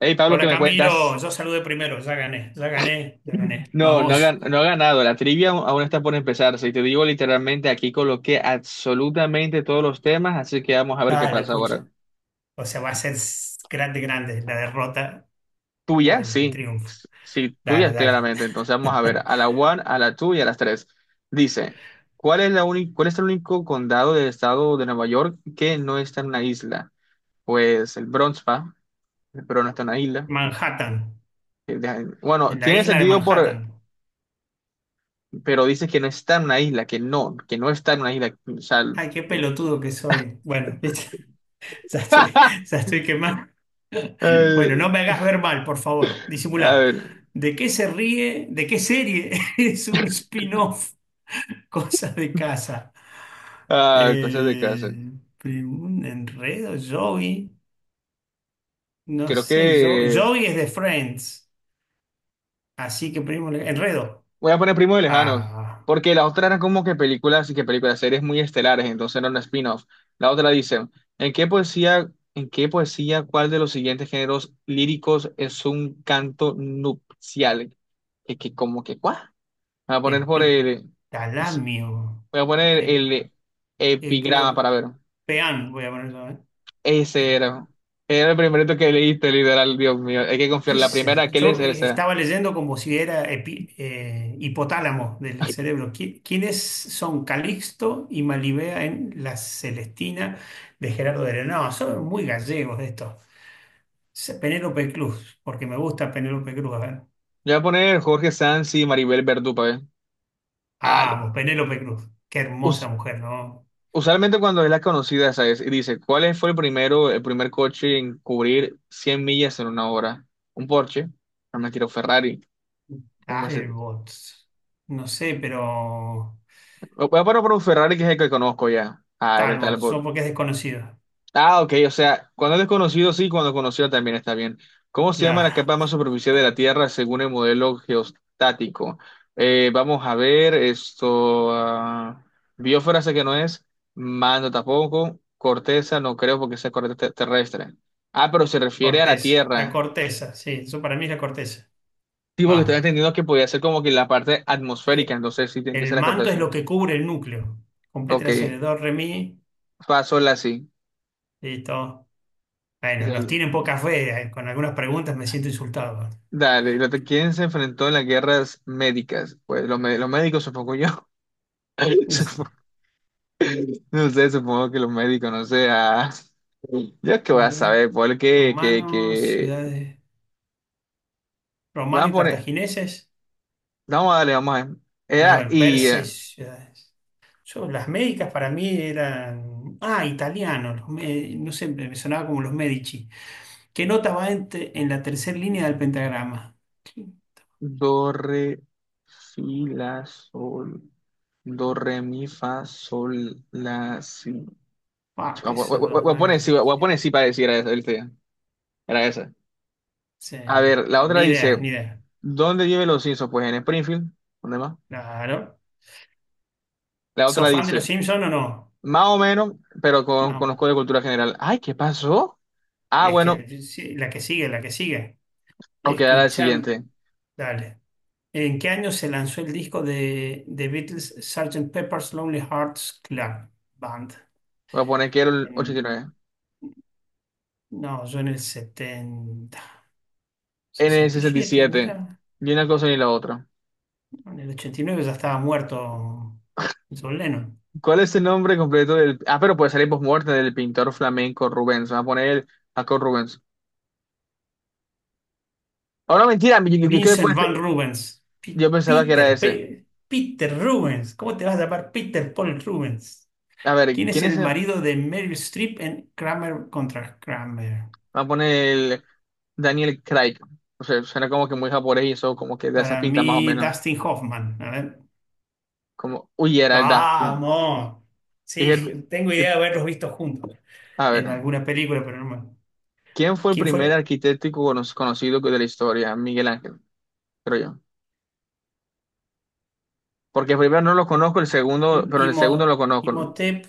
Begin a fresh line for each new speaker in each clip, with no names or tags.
Hey, Pablo, ¿qué
Hola
me
Camilo,
cuentas?
yo saludé primero, ya gané, ya gané, ya gané.
No,
Vamos.
no ha ganado. La trivia aún está por empezarse. Y te digo literalmente, aquí coloqué absolutamente todos los temas, así que vamos a ver qué
Ah, la
pasa ahora.
pucha. O sea, va a ser grande, grande la derrota o
Tuya,
el
sí.
triunfo.
Sí,
Dale,
tuya,
dale.
claramente. Entonces vamos a ver a la one, a la two y a las tres. Dice, ¿cuál es cuál es el único condado del estado de Nueva York que no está en una isla? Pues el Bronx, ¿va? Pero no está en una isla.
Manhattan,
Bueno,
en la
tiene
isla de
sentido por...
Manhattan.
pero dice que no está en una isla, que no está en una isla. O sea,
Ay, qué pelotudo que soy. Bueno, viste, ya estoy, ya estoy quemado. Bueno,
eh,
no me hagas ver mal, por favor.
a
Disimulá.
ver,
¿De qué se ríe? ¿De qué serie es un spin-off? Cosas de casa.
ah, cosas de casa.
Eh, un enredo, Joey. No
Creo
sé, yo,
que
Joey es de Friends. Así que primo, enredo.
voy a poner Primo de Lejanos,
Ah,
porque las otras eran como que películas y que películas, series muy estelares, entonces no eran spin-offs. La otra dice, ¿en qué poesía, cuál de los siguientes géneros líricos es un canto nupcial? Que como que, ¿cuál? Voy a poner por el,
epitalamio.
voy a poner
E-
el epigrama
eclo-
para ver.
Peán, voy a poner yo, ¿eh? Eh,
Ese era. Era el primerito que leíste, literal, Dios mío. Hay que confiar.
¿Qué
La
es,
primera que lees
yo? Yo,
es esa.
estaba leyendo como si era hipotálamo del cerebro. ¿Quiénes son Calixto y Malibea en La Celestina de Gerardo Heredia? No, son muy gallegos estos. Penélope Cruz, porque me gusta Penélope Cruz. A ver.
Yo voy a poner Jorge Sanz y Maribel Verdú para ver. Dale.
Ah, Penélope Cruz. Qué
Us-
hermosa mujer, ¿no?
Usualmente cuando es la conocida, ¿sabes? Y dice, ¿cuál fue el primero, el primer coche en cubrir 100 millas en una hora? Un Porsche. No me quiero Ferrari. Un Mercedes.
Talbot. No sé, pero.
Voy a poner por un Ferrari que es el que conozco ya. Ah, era el tal.
Talbot, solo porque es desconocido.
Ah, ok, o sea, cuando es desconocido sí, cuando es conocido también está bien. ¿Cómo se llama la
Claro.
capa más superficial de la Tierra según el modelo geostático? Vamos a ver, esto, ah, biosfera sé que no es, mando tampoco, corteza no creo porque sea corteza terrestre. Ah, pero se refiere a la
Corteza. La
Tierra.
corteza, sí. Eso para mí es la corteza.
Sí, porque estoy
Vamos.
entendiendo que podía ser como que la parte atmosférica,
Que
entonces sí tiene que
El
ser la
manto es
corteza.
lo que cubre el núcleo.
Ok,
Complete el do, re, mi.
paso la sí.
Listo. Bueno, nos tienen poca fe. Con algunas preguntas me siento insultado.
Dale, ¿y quién se enfrentó en las guerras médicas? Pues los médicos, supongo yo.
Sí.
Supo- No sé, supongo que los médicos, no sé. Ah. Yo es que voy a
Muy bien.
saber, porque que,
Romanos,
que...
ciudades.
Vamos a
Romanos y
poner,
cartagineses.
vamos a darle, vamos a ver.
No,
Era
el
y
persa y ciudades. Yo, las médicas para mí eran. Ah, italianos, no sé, me sonaba como los Medici. ¿Qué nota va en la tercera línea del pentagrama? Sí.
do, re, si, la, sol, do, re, mi, fa, sol, la, si.
Ah, qué sé yo.
Voy a poner sí,
Nada
voy a
que-
poner sí para decir era esa, ¿viste? Era esa.
Sí,
A ver, la
no,
otra
ni idea,
dice,
ni idea.
¿dónde viven los Simpsons? Pues en Springfield, ¿dónde más?
Claro.
La otra
¿Sos fan de
dice,
los Simpsons o no?
más o menos, pero con-
No. Bueno.
conozco de cultura general. Ay, ¿qué pasó? Ah,
Es
bueno,
que sí, la que sigue, la que sigue.
ok, ahora el
Escuchan.
siguiente.
Dale. ¿En qué año se lanzó el disco de The Beatles, Sgt. Pepper's Lonely Hearts Club Band?
Voy a poner que era el
En-
89.
no, yo en el 70
En el
sesenta y
sesenta y
siete
siete.
mirá,
Ni una cosa ni la otra.
no, en el 89 ya estaba muerto John Lennon.
¿Cuál es el nombre completo del... Ah, pero puede salir post-muerte del pintor flamenco Rubens. Vamos a poner el Jacob Rubens. Oh, no, mentira, ¿qué
Vincent
puede
Van
ser?
Rubens,
Yo pensaba que era
Peter,
ese.
Peter Rubens, ¿cómo te vas a llamar Peter Paul Rubens?
A ver,
¿Quién es
¿quién es
el
el... Vamos
marido de Meryl Streep en Kramer contra Kramer?
a poner el Daniel Craig. O sea, suena como que muy japonés y eso, como que de esas
Para
pintas más o
mí,
menos.
Dustin Hoffman. A ver.
Como, uy, era el Dustin.
Vamos. Sí,
Dije,
tengo idea
it-
de haberlos visto juntos
a ver,
en alguna película, pero no me...
¿quién fue el
¿Quién
primer
fue?
arquitecto conocido de la historia? Miguel Ángel, creo yo. Porque el primero no lo conozco, el segundo, pero el segundo lo conozco.
Imhotep,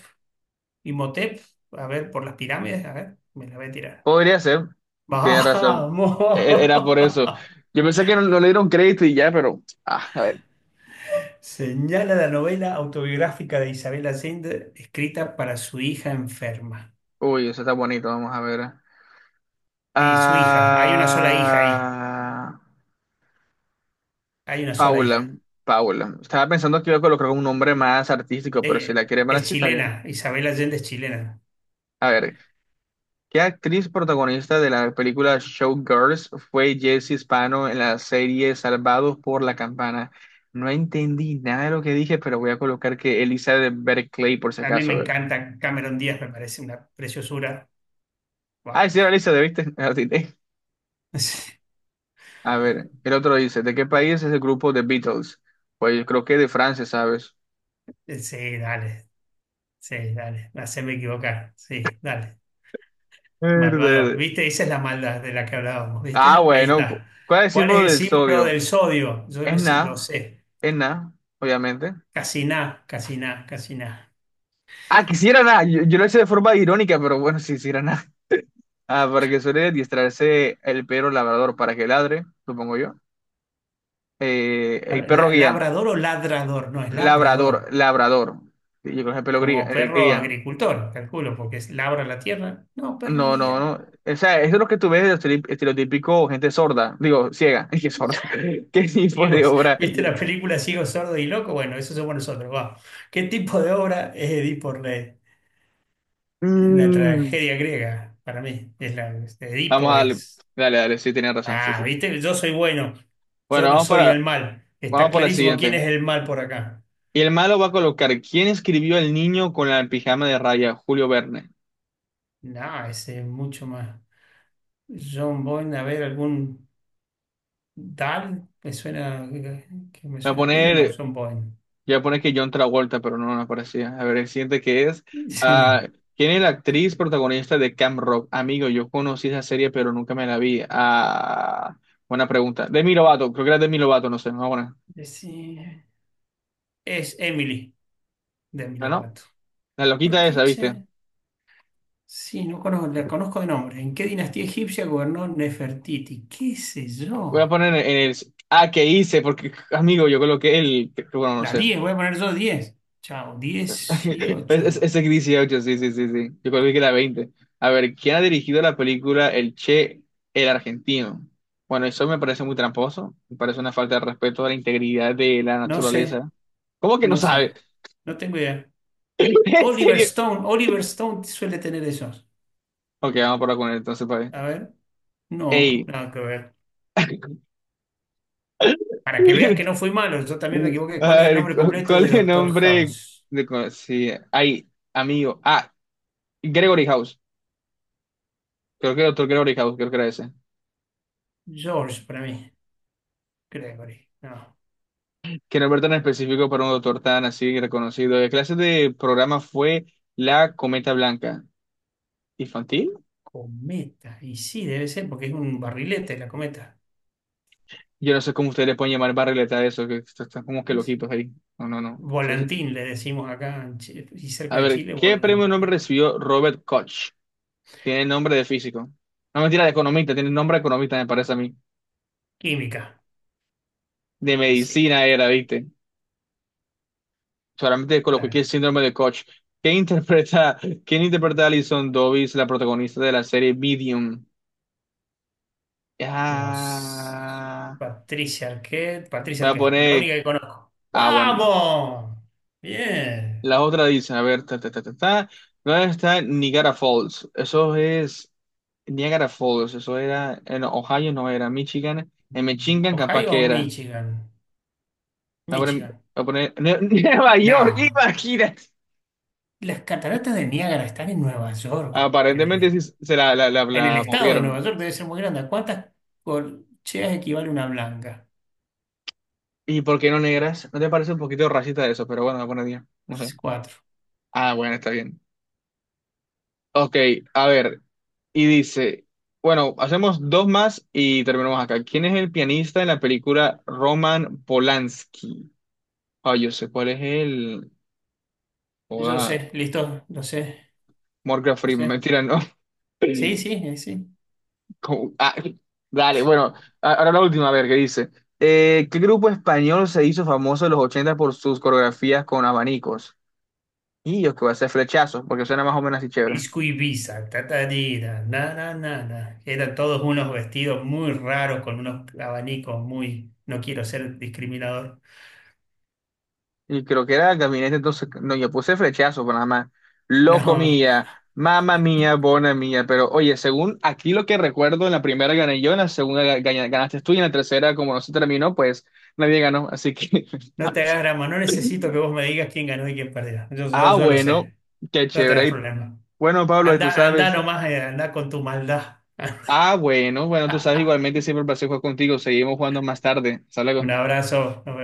Imhotep, a ver, por las pirámides, a ver, me la voy a tirar.
Podría ser, tiene razón.
¡Vamos!
Era por eso. Yo pensé que no, no le dieron crédito y ya, pero, ah, a ver.
Señala la novela autobiográfica de Isabel Allende, escrita para su hija enferma.
Uy, eso está bonito, vamos a ver.
Y su hija, hay una sola hija ahí,
Ah.
hay una sola
Paula,
hija.
Paula. Estaba pensando que iba a colocar un nombre más artístico, pero si la quiere para
Es
así, está bien.
chilena, Isabel Allende es chilena.
A ver, ¿qué actriz protagonista de la película Showgirls fue Jessie Spano en la serie Salvados por la Campana? No entendí nada de lo que dije, pero voy a colocar que Elizabeth Berkley por si
A mí
acaso.
me
A ver.
encanta Cameron Díaz, me parece una preciosura.
Ah,
Buah.
sí, era Elizabeth, ¿viste? La atiné. A ver, el otro dice, ¿de qué país es el grupo The Beatles? Pues yo creo que de Francia, ¿sabes?
Sí, dale, sí, dale, haceme equivocar, sí, dale. Malvado,
Verde.
¿viste? Esa es la maldad de la que hablábamos,
Ah,
¿viste? Ahí
bueno,
está.
¿cuál es el
¿Cuál
símbolo
es el
del
símbolo
sodio?
del sodio? Yo
Es
lo sé. Lo
nada.
sé.
Es nada, obviamente.
Casiná, casiná, casiná.
Ah, quisiera nada. Yo lo hice de forma irónica, pero bueno, si quisiera nada. Ah, para que suele distraerse el perro labrador para que ladre, supongo yo. El perro guía.
¿Labrador o ladrador? No, es
Labrador,
labrador.
labrador. Sí, yo creo que es el
Como perro
guía.
agricultor, calculo, porque labra la tierra. No, perro
No, no,
guía.
no. O sea, eso es lo que tú ves de estereotípico gente sorda. Digo, ciega. Qué sorda. ¿Qué tipo de
Ciegos.
obra?
¿Viste la película Ciego, Sordo y Loco? Bueno, eso somos nosotros. Va. ¿Qué tipo de obra es Edipo Rey? La
Mm.
tragedia griega, para mí. Es la, este,
Vamos
Edipo
a darle.
es.
Dale, dale, sí, tienes razón, sí,
Ah,
sí.
viste, yo soy bueno,
Bueno,
yo no soy el mal. Está
vamos por la
clarísimo quién
siguiente.
es el mal por acá.
Y el malo va a colocar, ¿quién escribió El niño con la pijama de raya? Julio Verne.
No, ese es mucho más. John Boyne, a ver, algún Dal, me suena, que me
Voy a
suena judío, no,
poner,
John Boyne.
voy a poner que John Travolta, pero no, no aparecía. A ver, el siguiente que es, ah,
Sí.
¿quién es la actriz protagonista de Camp Rock? Amigo, yo conocí esa serie, pero nunca me la vi. Ah, buena pregunta. Demi Lovato, creo que era Demi Lovato, no sé, no, bueno.
Sí. Es Emily de Demi
No, no,
Lovato.
la
¿Por
loquita
qué,
esa, ¿viste?
che? Sí, no conozco, la conozco de nombre. ¿En qué dinastía egipcia gobernó Nefertiti? ¿Qué sé
Voy a
yo?
poner en el, ah, ¿qué hice? Porque, amigo, yo coloqué el, bueno, no
La
sé.
10, voy a poner yo 10. Chao,
Ese
18.
es 18, sí, sí, sí, sí. Yo creo que era 20. A ver, ¿quién ha dirigido la película El Che, el argentino? Bueno, eso me parece muy tramposo. Me parece una falta de respeto a la integridad de la
No sé.
naturaleza. ¿Cómo que no
No
sabe?
sé, no tengo idea.
¿En
Oliver
serio?
Stone, Oliver Stone suele tener esos.
Ok, vamos por acá con él entonces, para ver.
A ver, no,
Ey.
nada que ver. Para que veas que no fui malo, yo también me equivoqué.
A
¿Cuál es el
ver,
nombre
¿cu-
completo
¿cuál
de
es el
Doctor
nombre
House?
de... Sí, ay, amigo. Ah, Gregory House. Creo que el otro Gregory House, creo que era ese.
George, para mí. Gregory, no.
Quiero ver tan específico para un doctor tan así reconocido. La clase de programa fue la Cometa Blanca. ¿Infantil?
Cometa, y sí, debe ser, porque es un barrilete la cometa.
Yo no sé cómo ustedes le pueden llamar barrileta a eso, que están como que
Es-
loquitos ahí. No, no, no.
Volantín, le decimos acá, en y cerca
A
de
ver,
Chile,
¿qué premio nombre
volantín.
recibió Robert Koch? Tiene nombre de físico. No, mentira, de economista. Tiene nombre de economista, me parece a mí.
Química,
De
y sí, no,
medicina era, ¿viste? Solamente coloqué aquí el
dale.
síndrome de Koch. ¿Quién interpreta, quién interpreta a Alison Dobbins, la protagonista de la serie Medium?
No s-
Ah.
Patricia Arquette. Patricia
Voy a
Arquette, la única
poner.
que conozco.
Ah, bueno.
¡Vamos! Bien.
La otra dice, a ver, ta, ta, ta, ta, ta. ¿Dónde está Niagara Falls? Eso es Niagara Falls. Eso era en Ohio, no era Michigan. En
Mm,
Michigan, capaz
¿Ohio o
que era.
Michigan?
Voy a poner, voy
Michigan.
a poner Ne- Nueva York,
No.
imagínate.
Las cataratas de Niágara están en Nueva York. En el,
Aparentemente
est-
sí se la, la, la,
en el
la
estado de Nueva
movieron.
York debe ser muy grande. ¿A ¿Cuántas corcheas equivale una blanca?
¿Y por qué no negras? ¿No te parece un poquito racista eso? Pero bueno, buena día. No sé.
Cuatro.
Ah, bueno, está bien. Ok, a ver, y dice, bueno, hacemos dos más y terminamos acá. ¿Quién es el pianista en la película Roman Polanski? Ah, yo sé cuál es el...
Yo
Joda,
sé, listo, lo sé,
Morgan
lo
Freeman,
sé.
mentira, no.
Sí, sí, sí.
Ah, dale, bueno, ahora la última, a ver, ¿qué dice? ¿Qué grupo español se hizo famoso en los 80 por sus coreografías con abanicos? Y yo que voy a hacer flechazos, porque suena más o menos así chévere.
Disco Ibiza, tatarina, na, na, na, na. Eran todos unos vestidos muy raros con unos abanicos muy. No quiero ser discriminador.
Y creo que era el gabinete, entonces, no, yo puse flechazo, pero nada más. Loco
No,
mía, mamá mía, bona mía. Pero oye, según aquí lo que recuerdo, en la primera gané yo, en la segunda ganaste tú y en la tercera, como no se terminó, pues nadie ganó. Así que.
no te hagas drama. No necesito que vos me digas quién ganó y quién perdió.
Ah,
Yo lo
bueno,
sé.
qué
No te
chévere.
hagas problema.
Bueno, Pablo, y tú
Anda, anda
sabes.
nomás, anda con tu maldad.
Ah, bueno, bueno, tú sabes igualmente, siempre un placer jugar contigo. Seguimos jugando más tarde. Hasta
Un
luego.
abrazo.